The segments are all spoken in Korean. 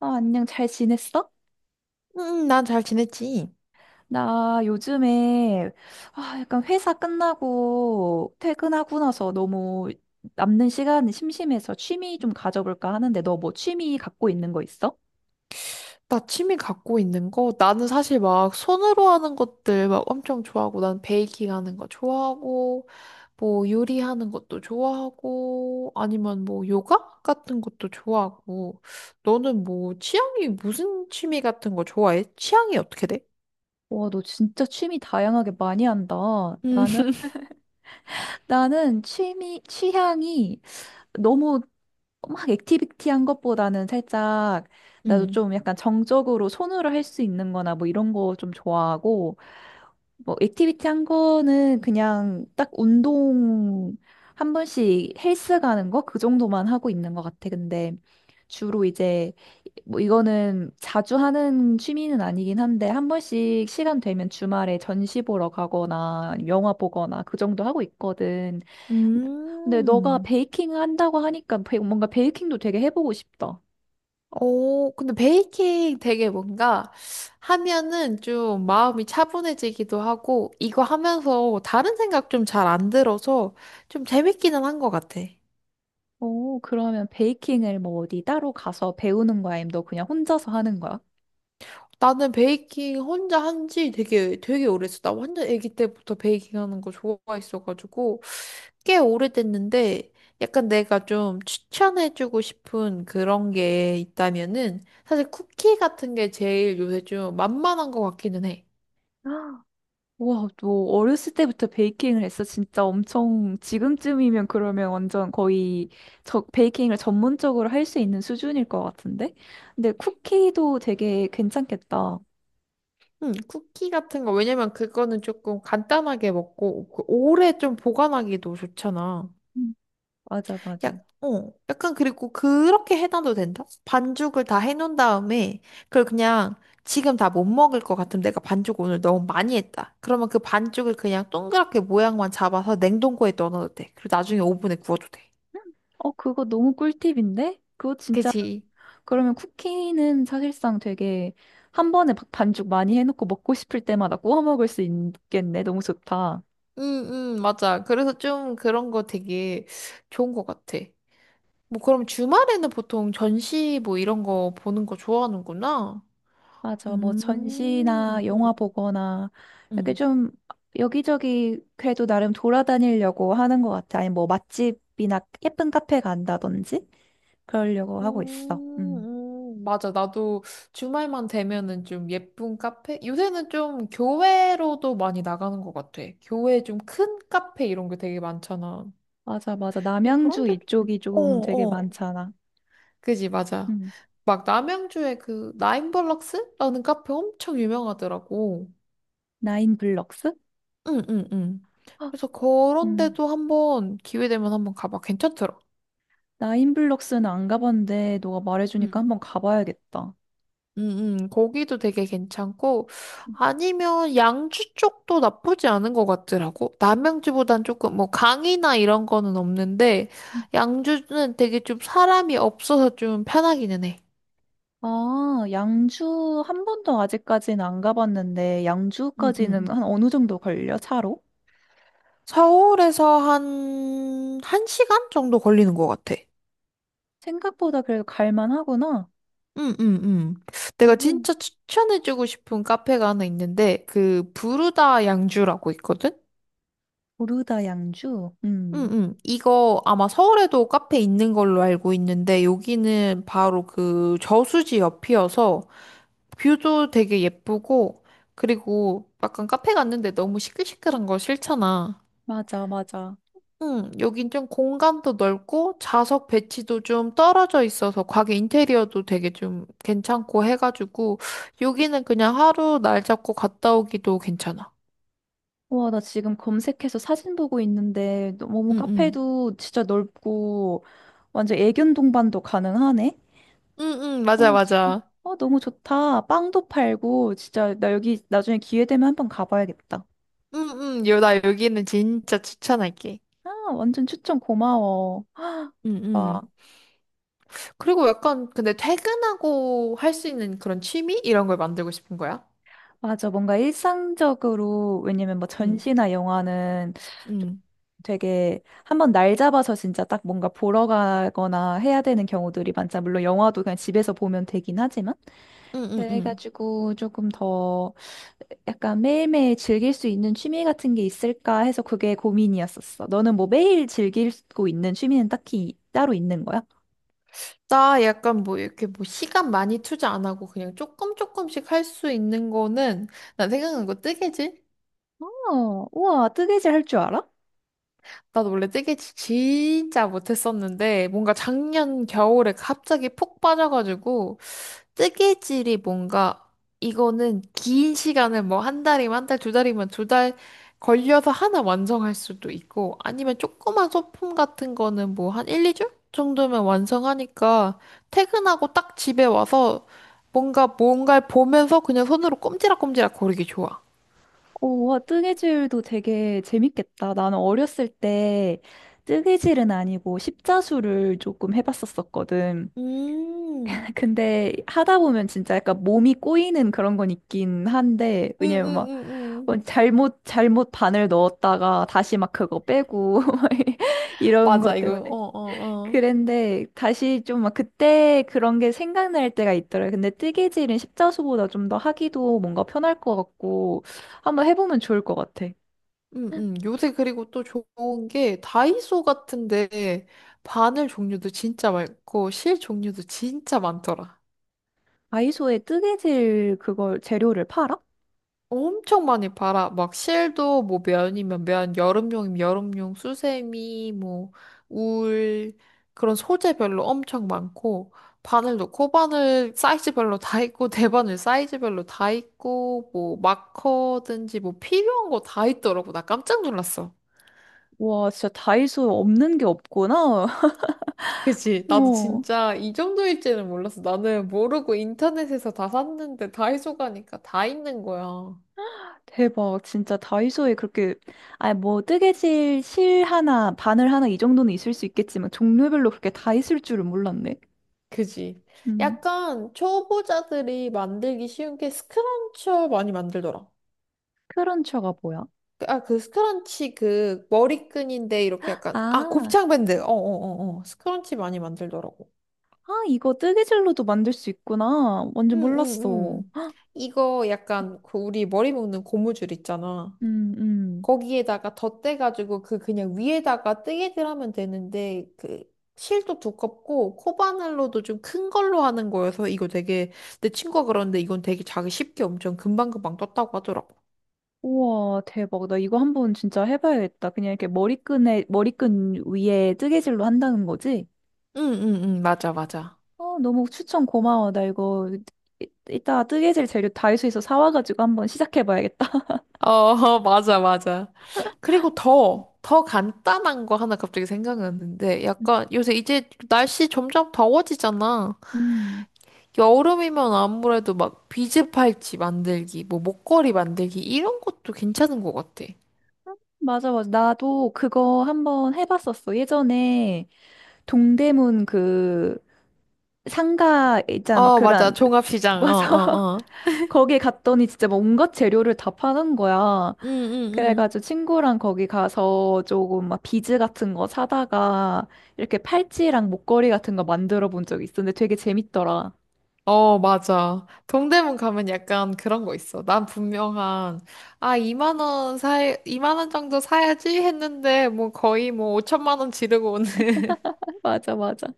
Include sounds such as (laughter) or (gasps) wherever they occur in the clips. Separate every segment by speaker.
Speaker 1: 아, 안녕, 잘 지냈어?
Speaker 2: 난 잘 지냈지.
Speaker 1: 나 요즘에, 아, 약간 회사 끝나고 퇴근하고 나서 너무 남는 시간이 심심해서 취미 좀 가져볼까 하는데, 너 뭐 취미 갖고 있는 거 있어?
Speaker 2: 나 취미 갖고 있는 거, 나는 사실 막 손으로 하는 것들 막 엄청 좋아하고, 난 베이킹 하는 거 좋아하고, 뭐 요리하는 것도 좋아하고, 아니면 뭐 요가 같은 것도 좋아하고, 너는 뭐 취향이 무슨 취미 같은 거 좋아해? 취향이 어떻게 돼?
Speaker 1: 와, 너 진짜 취미 다양하게 많이 한다.
Speaker 2: 음,
Speaker 1: 나는,
Speaker 2: (laughs)
Speaker 1: 나는 취미, 취향이 너무 막 액티비티한 것보다는 살짝 나도
Speaker 2: 음.
Speaker 1: 좀 약간 정적으로 손으로 할 수 있는 거나 뭐 이런 거 좀 좋아하고 뭐 액티비티한 거는 그냥 딱 운동 한 번씩 헬스 가는 거 그 정도만 하고 있는 것 같아. 근데 주로 이제 뭐 이거는 자주 하는 취미는 아니긴 한데 한 번씩 시간 되면 주말에 전시 보러 가거나 아니면 영화 보거나 그 정도 하고 있거든. 근데 너가
Speaker 2: 음.
Speaker 1: 베이킹 한다고 하니까 뭔가 베이킹도 되게 해보고 싶다.
Speaker 2: 오, 근데 베이킹 되게 뭔가 하면은 좀 마음이 차분해지기도 하고, 이거 하면서 다른 생각 좀 잘 안 들어서 좀 재밌기는 한 것 같아.
Speaker 1: 오, 그러면 베이킹을 뭐 어디 따로 가서 배우는 거야? 아니면 너 그냥 혼자서 하는 거야?
Speaker 2: 나는 베이킹 혼자 한 지 되게 오래됐어. 나 완전 아기 때부터 베이킹 하는 거 좋아했어가지고, 꽤 오래됐는데, 약간 내가 좀 추천해주고 싶은 그런 게 있다면은, 사실 쿠키 같은 게 제일 요새 좀 만만한 것 같기는 해.
Speaker 1: (gasps) 우와, 너 어렸을 때부터 베이킹을 했어? 진짜 엄청 지금쯤이면 그러면 완전 거의 저 베이킹을 전문적으로 할 수 있는 수준일 것 같은데? 근데 쿠키도 되게 괜찮겠다.
Speaker 2: 쿠키 같은 거, 왜냐면 그거는 조금 간단하게 먹고, 그 오래 좀 보관하기도 좋잖아.
Speaker 1: 음. 맞아, 맞아.
Speaker 2: 약간 그리고 그렇게 해놔도 된다? 반죽을 다 해놓은 다음에, 그걸 그냥 지금 다 못 먹을 것 같으면 내가 반죽 오늘 너무 많이 했다. 그러면 그 반죽을 그냥 동그랗게 모양만 잡아서 냉동고에 넣어놔도 돼. 그리고 나중에 오븐에 구워도 돼.
Speaker 1: 어, 그거 너무 꿀팁인데? 그거 진짜
Speaker 2: 그치?
Speaker 1: 그러면 쿠키는 사실상 되게 한 번에 막 반죽 많이 해놓고 먹고 싶을 때마다 구워 먹을 수 있겠네. 너무 좋다.
Speaker 2: 응, 응, 맞아. 그래서 좀 그런 거 되게 좋은 것 같아. 뭐 그럼 주말에는 보통 전시 뭐 이런 거 보는 거 좋아하는구나.
Speaker 1: 맞아. 뭐
Speaker 2: 음,
Speaker 1: 전시나
Speaker 2: 음,
Speaker 1: 영화
Speaker 2: 음,
Speaker 1: 보거나 이렇게
Speaker 2: 음,
Speaker 1: 좀 여기저기 그래도 나름 돌아다니려고 하는 것 같아. 아니 뭐 맛집이나 예쁜 카페 간다든지 그러려고 하고 있어. 음.
Speaker 2: 맞아. 나도 주말만 되면은 좀 예쁜 카페? 요새는 좀 교회로도 많이 나가는 것 같아. 교회 좀 큰 카페 이런 게 되게 많잖아.
Speaker 1: 맞아, 맞아.
Speaker 2: 근데
Speaker 1: 남양주
Speaker 2: 그런데, 좀-
Speaker 1: 이쪽이
Speaker 2: 어,
Speaker 1: 좀 되게
Speaker 2: 어.
Speaker 1: 많잖아.
Speaker 2: 그지, 맞아.
Speaker 1: 음.
Speaker 2: 막 남양주에 그 나인블럭스라는 카페 엄청 유명하더라고.
Speaker 1: 나인블럭스?
Speaker 2: 응응응.
Speaker 1: 헉,
Speaker 2: 그래서 그런
Speaker 1: 음.
Speaker 2: 데도 한번 기회 되면 한번 가봐. 괜찮더라.
Speaker 1: 나인블럭스는 안 가봤는데 너가 말해주니까
Speaker 2: 음.
Speaker 1: 한번 가봐야겠다.
Speaker 2: 응응. 거기도 되게 괜찮고 아니면 양주 쪽도 나쁘지 않은 것 같더라고. 남양주보단 조금 뭐 강이나 이런 거는 없는데 양주는 되게 좀 사람이 없어서 좀 편하기는 해.
Speaker 1: 아, 양주 한 번도 아직까지는 안 가봤는데 양주까지는
Speaker 2: 응응.
Speaker 1: 한 어느 정도 걸려? 차로?
Speaker 2: 서울에서 한 1시간 정도 걸리는 것 같아.
Speaker 1: 생각보다 그래도 갈만하구나.
Speaker 2: 응, 응, 응. 내가
Speaker 1: 오,
Speaker 2: 진짜 추천해주고 싶은 카페가 하나 있는데, 그, 부르다 양주라고 있거든?
Speaker 1: 르다 양주.
Speaker 2: 응, 응. 이거 아마 서울에도 카페 있는 걸로 알고 있는데, 여기는 바로 그 저수지 옆이어서, 뷰도 되게 예쁘고, 그리고 약간 카페 갔는데 너무 시끌시끌한 거 싫잖아.
Speaker 1: 맞아, 맞아.
Speaker 2: 응, 여긴 좀 공간도 넓고 좌석 배치도 좀 떨어져 있어서 가게 인테리어도 되게 좀 괜찮고 해가지고 여기는 그냥 하루 날 잡고 갔다 오기도 괜찮아.
Speaker 1: 와, 나 지금 검색해서 사진 보고 있는데 너무
Speaker 2: 응, 응.
Speaker 1: 카페도 진짜 넓고 완전 애견 동반도 가능하네.
Speaker 2: 응, 응, 맞아,
Speaker 1: 어, 지-
Speaker 2: 맞아.
Speaker 1: 어, 너무 좋다. 빵도 팔고, 진짜, 나 여기 나중에 기회 되면 한번 가봐야겠다.
Speaker 2: 응, 응, 요, 나 여기는 진짜 추천할게.
Speaker 1: 아, 완전 추천 고마워.
Speaker 2: 응,
Speaker 1: 아,
Speaker 2: 응. 그리고 약간 근데 퇴근하고 할 수 있는 그런 취미? 이런 걸 만들고 싶은 거야?
Speaker 1: 맞아. 뭔가 일상적으로, 왜냐면 뭐
Speaker 2: 응,
Speaker 1: 전시나 영화는
Speaker 2: 응.
Speaker 1: 되게 한번 날 잡아서 진짜 딱 뭔가 보러 가거나 해야 되는 경우들이 많잖아. 물론 영화도 그냥 집에서 보면 되긴 하지만.
Speaker 2: 응, 응, 응.
Speaker 1: 그래가지고 조금 더 약간 매일매일 즐길 수 있는 취미 같은 게 있을까 해서 그게 고민이었었어. 너는 뭐 매일 즐기고 있는 취미는 딱히 따로 있는 거야?
Speaker 2: 나 약간 뭐 이렇게 뭐 시간 많이 투자 안 하고 그냥 조금씩 할 수 있는 거는 난 생각난 거 뜨개질?
Speaker 1: 어, 우와, 뜨개질 할 줄 알아?
Speaker 2: 나도 원래 뜨개질 진짜 못했었는데 뭔가 작년 겨울에 갑자기 푹 빠져가지고 뜨개질이 뭔가 이거는 긴 시간을 뭐 한 달이면 한 달, 두 달이면 두 달 걸려서 하나 완성할 수도 있고 아니면 조그만 소품 같은 거는 뭐 한 1, 2주 정도면 완성하니까 퇴근하고 딱 집에 와서 뭔가를 보면서 그냥 손으로 꼼지락꼼지락 거리기 좋아.
Speaker 1: 오, 와, 뜨개질도 되게 재밌겠다. 나는 어렸을 때 뜨개질은 아니고 십자수를 조금 해봤었었거든.
Speaker 2: 음,
Speaker 1: (laughs) 근데 하다 보면 진짜 약간 몸이 꼬이는 그런 건 있긴 한데,
Speaker 2: 음, 음,
Speaker 1: 왜냐면 막
Speaker 2: 음, 음.
Speaker 1: 뭐 잘못 반을 넣었다가 다시 막 그거 빼고 (laughs) 이런
Speaker 2: 맞아,
Speaker 1: 것
Speaker 2: 이거, 어,
Speaker 1: 때문에
Speaker 2: 어, 어.
Speaker 1: 그랬는데 다시 좀 막 그때 그런 게 생각날 때가 있더라고요. 근데 뜨개질은 십자수보다 좀 더 하기도 뭔가 편할 것 같고 한번 해보면 좋을 것 같아.
Speaker 2: 음, 요새 그리고 또 좋은 게 다이소 같은데 바늘 종류도 진짜 많고 실 종류도 진짜 많더라.
Speaker 1: 다이소에 뜨개질 그걸 재료를 팔아?
Speaker 2: 엄청 많이 팔아. 막 실도 뭐 면이면 면, 여름용이면 여름용, 수세미, 뭐 울, 그런 소재별로 엄청 많고 바늘도 코바늘 사이즈별로 다 있고 (laughs) 대바늘 사이즈별로 다 있고 뭐 마커든지 뭐 필요한 거 다 있더라고. 나 깜짝 놀랐어.
Speaker 1: 와 진짜 다이소 없는 게 없구나.
Speaker 2: 그치.
Speaker 1: (laughs)
Speaker 2: 나도
Speaker 1: 어.
Speaker 2: 진짜 이 정도일지는 몰랐어. 나는 모르고 인터넷에서 다 샀는데 다이소 가니까 다 있는 거야.
Speaker 1: 대박. 진짜 다이소에 그렇게, 아니, 뭐, 뜨개질 실 하나, 바늘 하나 이 정도는 있을 수 있겠지만, 종류별로 그렇게 다 있을 줄은 몰랐네.
Speaker 2: 그지.
Speaker 1: 음,
Speaker 2: 약간 초보자들이 만들기 쉬운 게 스크런쳐 많이 만들더라.
Speaker 1: 크런처가 뭐야?
Speaker 2: 그, 아, 그 스크런치 그 머리끈인데 이렇게 약간, 아,
Speaker 1: 아,
Speaker 2: 곱창밴드. 어, 어, 어, 어. 스크런치 많이 만들더라고.
Speaker 1: 아, 이거 뜨개질로도 만들 수 있구나.
Speaker 2: 응,
Speaker 1: 완전
Speaker 2: 응,
Speaker 1: 몰랐어.
Speaker 2: 응. 이거 약간 그 우리 머리 묶는 고무줄 있잖아.
Speaker 1: 음, 음.
Speaker 2: 거기에다가 덧대가지고 그 그냥 위에다가 뜨개질 하면 되는데 그 실도 두껍고 코바늘로도 좀 큰 걸로 하는 거여서 이거 되게 내 친구가 그러는데 이건 되게 자기 쉽게 엄청 금방금방 떴다고 하더라고.
Speaker 1: 우와, 대박. 나 이거 한번 진짜 해봐야겠다. 그냥 이렇게 머리끈에, 머리끈 위에 뜨개질로 한다는 거지?
Speaker 2: 응, 응, 응, 맞아, 맞아.
Speaker 1: 어, 너무 추천 고마워. 이따 뜨개질 재료 다이소에서 사와가지고 한번 시작해봐야겠다.
Speaker 2: 어, (laughs) 맞아, 맞아. 그리고 더,
Speaker 1: (laughs)
Speaker 2: 더 간단한 거 하나 갑자기 생각났는데, 약간 요새 이제 날씨 점점 더워지잖아.
Speaker 1: 음,
Speaker 2: 여름이면 아무래도 막 비즈 팔찌 만들기, 뭐 목걸이 만들기 이런 것도 괜찮은 것 같아.
Speaker 1: 맞아, 맞아. 나도 그거 한번 해봤었어. 예전에 동대문 그 상가 있잖아. 막
Speaker 2: 어, 맞아.
Speaker 1: 그런, (laughs)
Speaker 2: 종합시장. 어,
Speaker 1: 맞아.
Speaker 2: 어, 어.
Speaker 1: 거기 갔더니 진짜 뭐 온갖 재료를 다 파는 거야.
Speaker 2: 응, 응, 응.
Speaker 1: 그래가지고 친구랑 거기 가서 조금 막 비즈 같은 거 사다가 이렇게 팔찌랑 목걸이 같은 거 만들어 본 적이 있었는데 되게 재밌더라.
Speaker 2: 어, 맞아. 동대문 가면 약간 그런 거 있어. 난 분명한, 아, 이만 원 정도 사야지 했는데, 뭐 거의 뭐 5천만 원 지르고 오는
Speaker 1: (laughs) 맞아, 맞아.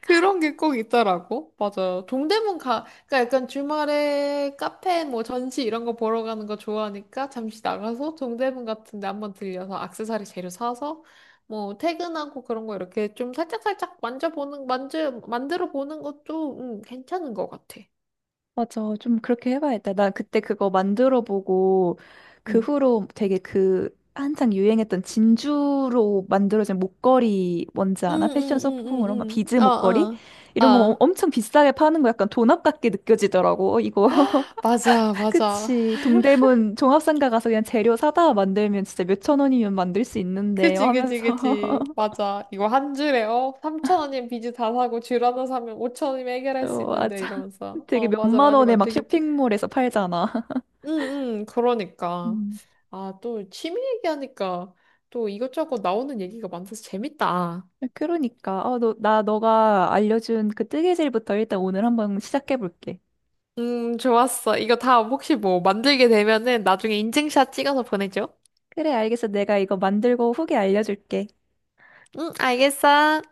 Speaker 2: 그런 게 꼭 있더라고. 맞아. 그러니까 약간 주말에 카페 뭐 전시 이런 거 보러 가는 거 좋아하니까 잠시 나가서 동대문 같은 데 한번 들려서 액세서리 재료 사서 뭐 퇴근하고 그런 거 이렇게 좀 살짝살짝 만들어 보는 것도 괜찮은 것 같아.
Speaker 1: 맞아. 좀 그렇게 해봐야겠다. 나 그때 그거 만들어 보고 그
Speaker 2: 응.
Speaker 1: 후로 되게 그 한창 유행했던 진주로 만들어진 목걸이 뭔지
Speaker 2: 응,
Speaker 1: 아나? 패션
Speaker 2: 응, 응,
Speaker 1: 소품으로 막
Speaker 2: 응,
Speaker 1: 비즈
Speaker 2: 응. 어,
Speaker 1: 목걸이?
Speaker 2: 어.
Speaker 1: 이런 거
Speaker 2: 아,
Speaker 1: 엄청 비싸게 파는 거 약간 돈 아깝게 느껴지더라고. 어, 이거. (laughs)
Speaker 2: 맞아, 맞아.
Speaker 1: 그치. 동대문 종합상가 가서 그냥 재료 사다 만들면 진짜 몇 천 원이면 만들 수 있는데
Speaker 2: 그지, 그지,
Speaker 1: 하면서.
Speaker 2: 그지.
Speaker 1: (laughs)
Speaker 2: 맞아. 이거 한 줄에, 어? 3천원이면 비즈 다 사고, 줄 하나 사면 5천원이면 해결할 수
Speaker 1: 어,
Speaker 2: 있는데,
Speaker 1: 맞아.
Speaker 2: 이러면서.
Speaker 1: 되게
Speaker 2: 어,
Speaker 1: 몇
Speaker 2: 맞아.
Speaker 1: 만 원에 막 쇼핑몰에서 팔잖아.
Speaker 2: 응, 응, 그러니까.
Speaker 1: 음.
Speaker 2: 아, 또 취미 얘기하니까 또 이것저것 나오는 얘기가 많아서 재밌다.
Speaker 1: 그러니까 어, 너, 나 너가 알려준 그 뜨개질부터 일단 오늘 한번 시작해 볼게.
Speaker 2: 좋았어. 이거 다 혹시 뭐 만들게 되면은 나중에 인증샷 찍어서 보내줘.
Speaker 1: 그래, 알겠어. 내가 이거 만들고 후기 알려줄게.
Speaker 2: 응, 알겠어.